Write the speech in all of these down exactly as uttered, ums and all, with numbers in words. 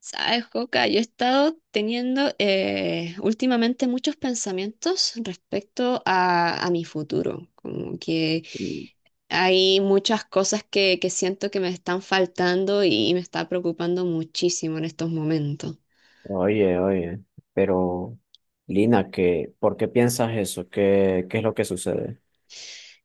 Sabes, Joca, yo he estado teniendo eh, últimamente muchos pensamientos respecto a, a mi futuro, como que Mm, hay muchas cosas que, que siento que me están faltando y me está preocupando muchísimo en estos momentos. Oye, oye, pero Lina, ¿qué, por qué piensas eso? ¿Qué, qué es lo que sucede?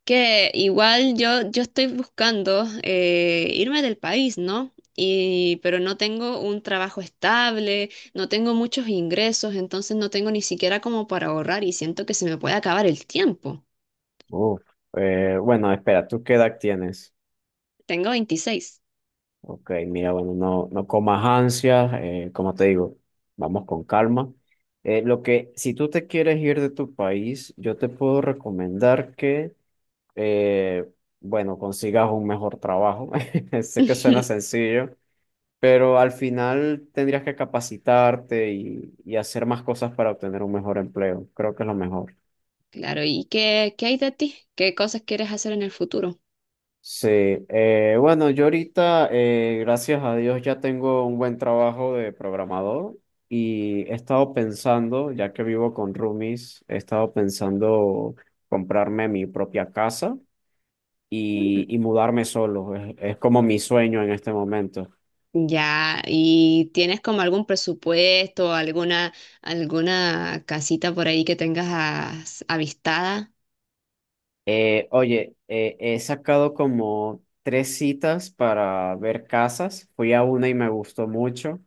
Que igual yo, yo estoy buscando eh, irme del país, ¿no? Y, pero no tengo un trabajo estable, no tengo muchos ingresos, entonces no tengo ni siquiera como para ahorrar y siento que se me puede acabar el tiempo. Uf, eh, bueno, espera, ¿tú qué edad tienes? Tengo veintiséis. Ok, mira, bueno, no, no comas ansias, eh, como te digo, vamos con calma. Eh, lo que, si tú te quieres ir de tu país, yo te puedo recomendar que, eh, bueno, consigas un mejor trabajo. Sé que suena sencillo. Pero al final tendrías que capacitarte y, y hacer más cosas para obtener un mejor empleo. Creo que es lo mejor. Claro, ¿y qué, qué hay de ti? ¿Qué cosas quieres hacer en el futuro? Sí, eh, bueno, yo ahorita, eh, gracias a Dios, ya tengo un buen trabajo de programador. Y he estado pensando, ya que vivo con roomies, he estado pensando comprarme mi propia casa Mm. y, y mudarme solo. Es, es como mi sueño en este momento. Ya, ¿y tienes como algún presupuesto, alguna, alguna casita por ahí que tengas as- avistada? Eh, oye, eh, he sacado como tres citas para ver casas. Fui a una y me gustó mucho.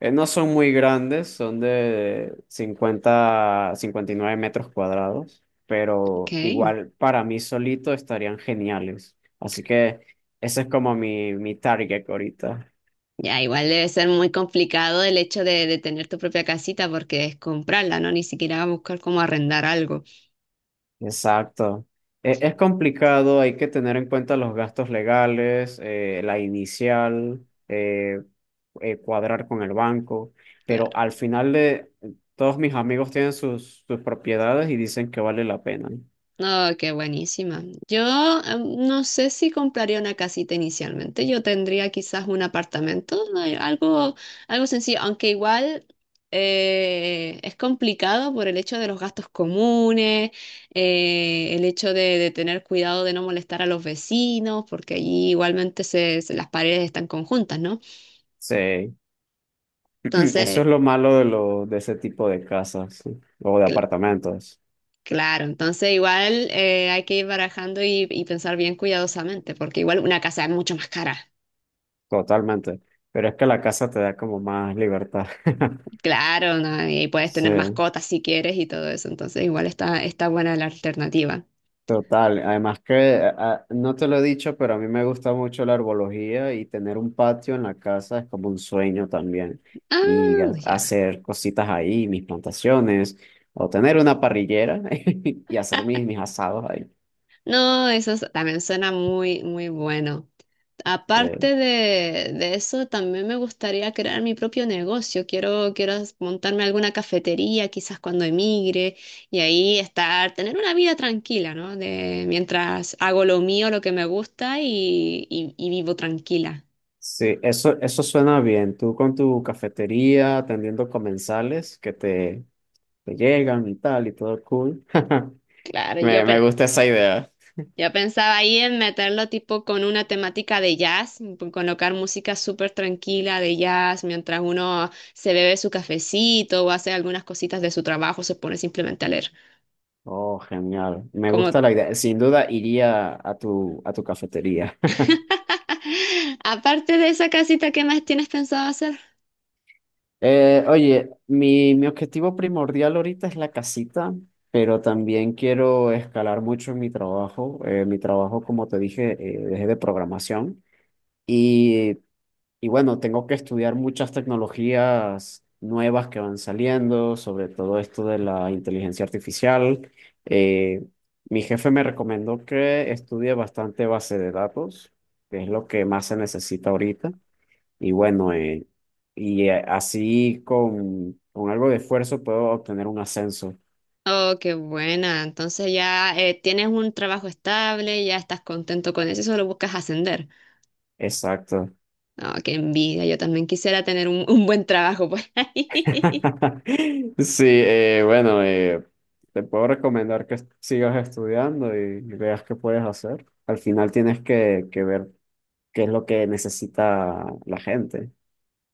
Eh, no son muy grandes, son de cincuenta, cincuenta y nueve metros cuadrados, Ok. pero igual para mí solito estarían geniales. Así que ese es como mi, mi target ahorita. Ya, igual debe ser muy complicado el hecho de, de tener tu propia casita porque es comprarla, ¿no? Ni siquiera buscar cómo arrendar algo. Exacto. E- Es, complicado, hay que tener en cuenta los gastos legales, eh, la inicial, eh, eh, cuadrar con el banco, pero Claro. al final de todos mis amigos tienen sus, sus propiedades y dicen que vale la pena. No, qué buenísima. Yo em, no sé si compraría una casita inicialmente. Yo tendría quizás un apartamento, ¿no? Algo, algo sencillo, aunque igual eh, es complicado por el hecho de los gastos comunes, eh, el hecho de, de tener cuidado de no molestar a los vecinos, porque allí igualmente se, se- las paredes están conjuntas, ¿no? Sí. Eso Entonces, es lo malo de, lo, de ese tipo de casas, sí, o de Cl- apartamentos. claro, entonces igual eh, hay que ir barajando y, y pensar bien cuidadosamente, porque igual una casa es mucho más cara. Totalmente. Pero es que la casa te da como más libertad. Claro, ¿no? Y puedes Sí. tener mascotas si quieres y todo eso, entonces igual está, está buena la alternativa. Total, además que a- no te lo he dicho, pero a mí me gusta mucho la herbología y tener un patio en la casa es como un sueño también. Y ha- Ah, ya. hacer cositas ahí, mis plantaciones, o tener una parrillera y hacer mis, mis asados ahí. No, eso es- también suena muy, muy bueno. Eh, Aparte de, de eso, también me gustaría crear mi propio negocio. Quiero, quiero montarme alguna cafetería, quizás cuando emigre, y ahí estar, tener una vida tranquila, ¿no? De, mientras hago lo mío, lo que me gusta y, y- y vivo tranquila. Sí, eso, eso suena bien. Tú con tu cafetería, atendiendo comensales que te, te llegan y tal, y todo cool. Claro, yo, Me, me pe- gusta esa idea. yo pensaba ahí en meterlo tipo con una temática de jazz, p- colocar música súper tranquila de jazz mientras uno se bebe su cafecito o hace algunas cositas de su trabajo, se pone simplemente a leer. Oh, genial. Me Como gusta la idea. Sin duda iría a tu, a tu cafetería. Aparte de esa casita, ¿qué más tienes pensado hacer? Eh, oye, mi, mi objetivo primordial ahorita es la casita, pero también quiero escalar mucho en mi trabajo. Eh, mi trabajo, como te dije, eh, es de programación. Y Y bueno, tengo que estudiar muchas tecnologías nuevas que van saliendo, sobre todo esto de la inteligencia artificial. Eh, Mi jefe me recomendó que estudie bastante base de datos, que es lo que más se necesita ahorita. Y bueno, eh, y eh, así con, con algo de esfuerzo puedo obtener un ascenso. Oh, qué buena. Entonces ya eh, tienes un trabajo estable, ya estás contento con eso, y solo buscas ascender. Exacto. Oh, qué envidia. Yo también quisiera tener un, un buen trabajo por ahí. Sí, eh, bueno, eh, te puedo recomendar que sigas estudiando y, y veas qué puedes hacer. Al final tienes que, que ver qué es lo que necesita la gente.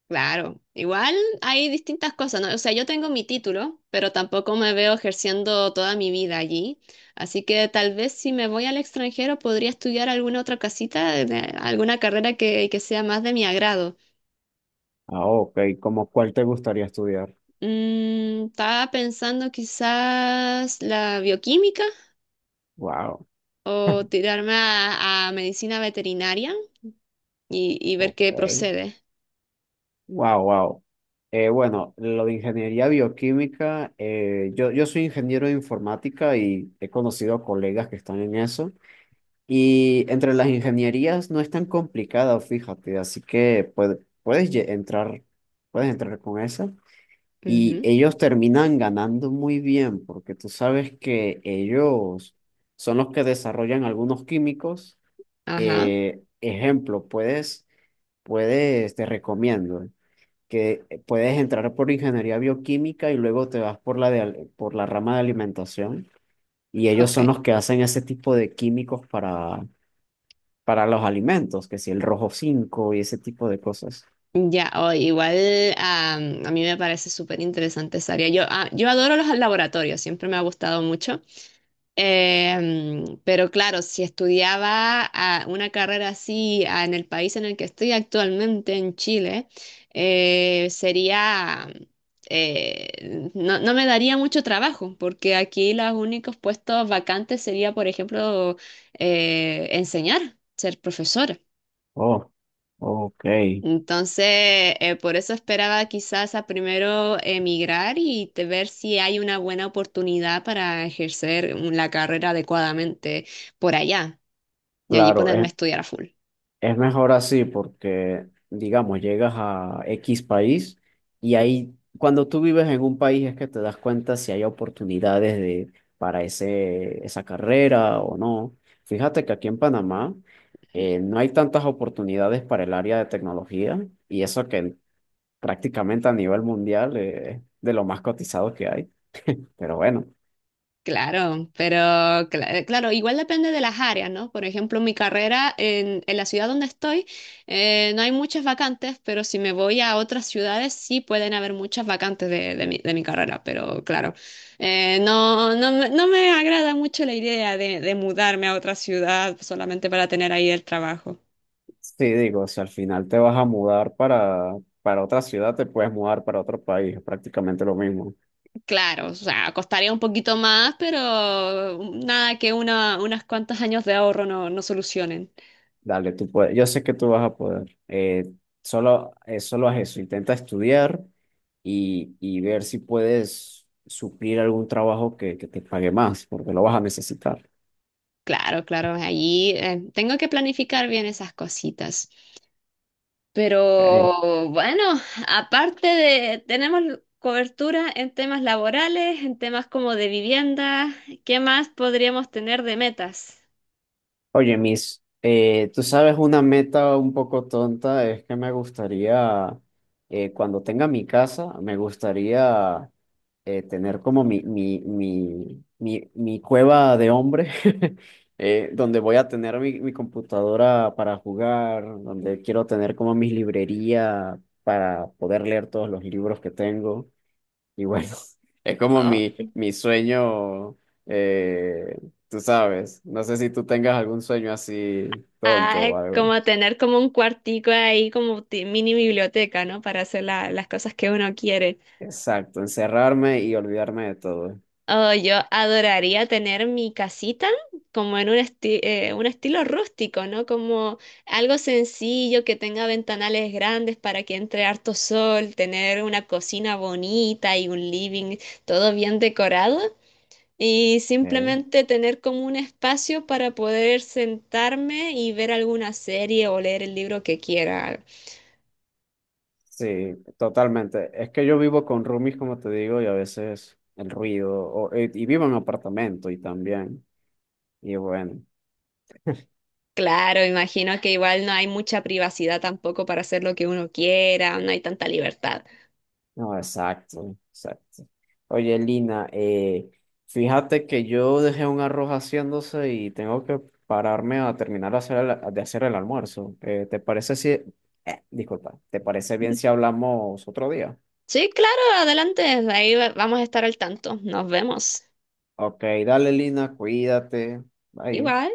Claro, igual hay distintas cosas, ¿no? O sea, yo tengo mi título, pero tampoco me veo ejerciendo toda mi vida allí. Así que tal vez si me voy al extranjero podría estudiar alguna otra casita, de- alguna carrera que, que sea más de mi agrado. Ah, ok, ¿cómo cuál te gustaría estudiar? Mm, estaba pensando quizás la bioquímica Wow, o tirarme a, a medicina veterinaria y, y ver ok, qué procede. wow, wow. Eh, bueno, lo de ingeniería bioquímica, eh, yo, yo soy ingeniero de informática y he conocido colegas que están en eso. Y entre las ingenierías no es tan complicado, fíjate, así que puede- puedes lle- entrar, puedes entrar con esa. Y Ujú. ellos terminan ganando muy bien, porque tú sabes que ellos son los que desarrollan algunos químicos. Ajá, Eh, ejemplo, puedes, puedes, te recomiendo que puedes entrar por ingeniería bioquímica y luego te vas por la de, al- por la rama de alimentación. Y ellos ok. son los que hacen ese tipo de químicos para para los alimentos, que si el rojo cinco y ese tipo de cosas. Ya, o igual am, a mí me parece súper interesante esa área. Yo, ah, yo adoro los laboratorios, siempre me ha gustado mucho. Em, pero claro, si estudiaba ah, una carrera así ah, en el país en el que estoy actualmente, en Chile, eh, sería, eh, no, no me daría mucho trabajo, porque aquí los únicos puestos vacantes sería, por ejemplo, eh, enseñar, ser profesora. Oh, ok, Entonces, eh, por eso esperaba quizás a primero emigrar y te- ver si hay una buena oportunidad para ejercer la carrera adecuadamente por allá y allí claro, ponerme a es, estudiar a full. es mejor así porque, digamos, llegas a X país y ahí, cuando tú vives en un país es que te das cuenta si hay oportunidades de, para ese, esa carrera o no. Fíjate que aquí en Panamá, eh, no hay tantas oportunidades para el área de tecnología, y eso que prácticamente a nivel mundial, eh, es de lo más cotizado que hay, pero bueno. Claro, pero cla- eh, claro, igual depende de las áreas, ¿no? Por ejemplo, mi carrera en, en la ciudad donde estoy, eh, no hay muchas vacantes, pero si me voy a otras ciudades sí pueden haber muchas vacantes de, de mi, de mi carrera, pero claro, eh, no, no, me no me agrada mucho la idea de, de mudarme a otra ciudad solamente para tener ahí el trabajo. Sí, digo, si al final te vas a mudar para, para otra ciudad, te puedes mudar para otro país, es prácticamente lo mismo. Claro, o sea, costaría un poquito más, pero nada que una, unas cuantas años de ahorro no, no solucionen. Dale, tú puedes, yo sé que tú vas a poder. Eh, solo, eh, solo haz eso, intenta estudiar y, y ver si puedes suplir algún trabajo que, que te pague más, porque lo vas a necesitar. Claro, claro, allí eh, tengo que planificar bien esas cositas. ¿Ok? Pero bueno, aparte de, tenemos cobertura en temas laborales, en temas como de vivienda, ¿qué más podríamos tener de metas? Oye, Miss, eh, tú sabes, una meta un poco tonta es que me gustaría, eh, cuando tenga mi casa, me gustaría, eh, tener como mi, mi, mi, mi, mi cueva de hombre. Eh, donde voy a tener mi, mi computadora para jugar, donde quiero tener como mi librería para poder leer todos los libros que tengo. Y bueno, es como Oh, mi, mi sueño, eh, tú sabes. No sé si tú tengas algún sueño así tonto o ay, algo. como tener como un cuartico ahí, como ti- mini biblioteca, ¿no? Para hacer la- las cosas que uno quiere. Exacto, encerrarme y olvidarme de todo. Oh, yo adoraría tener mi casita como en un, esti- eh, un estilo rústico, ¿no? Como algo sencillo que tenga ventanales grandes para que entre harto sol, tener una cocina bonita y un living todo bien decorado y Ok. simplemente tener como un espacio para poder sentarme y ver alguna serie o leer el libro que quiera. Sí, totalmente. Es que yo vivo con roomies, como te digo, y a veces el ruido, o- y y vivo en apartamento y también, y bueno. Claro, imagino que igual no hay mucha privacidad tampoco para hacer lo que uno quiera, no hay tanta libertad. No, exacto, exacto. Oye, Lina, eh, fíjate que yo dejé un arroz haciéndose y tengo que pararme a terminar de hacer el, de hacer el almuerzo. Eh, ¿te parece si... eh, Disculpa, ¿te parece bien si hablamos otro día? Sí, claro, adelante. Ahí va- vamos a estar al tanto. Nos vemos. Ok, dale, Lina, cuídate. Bye. Igual.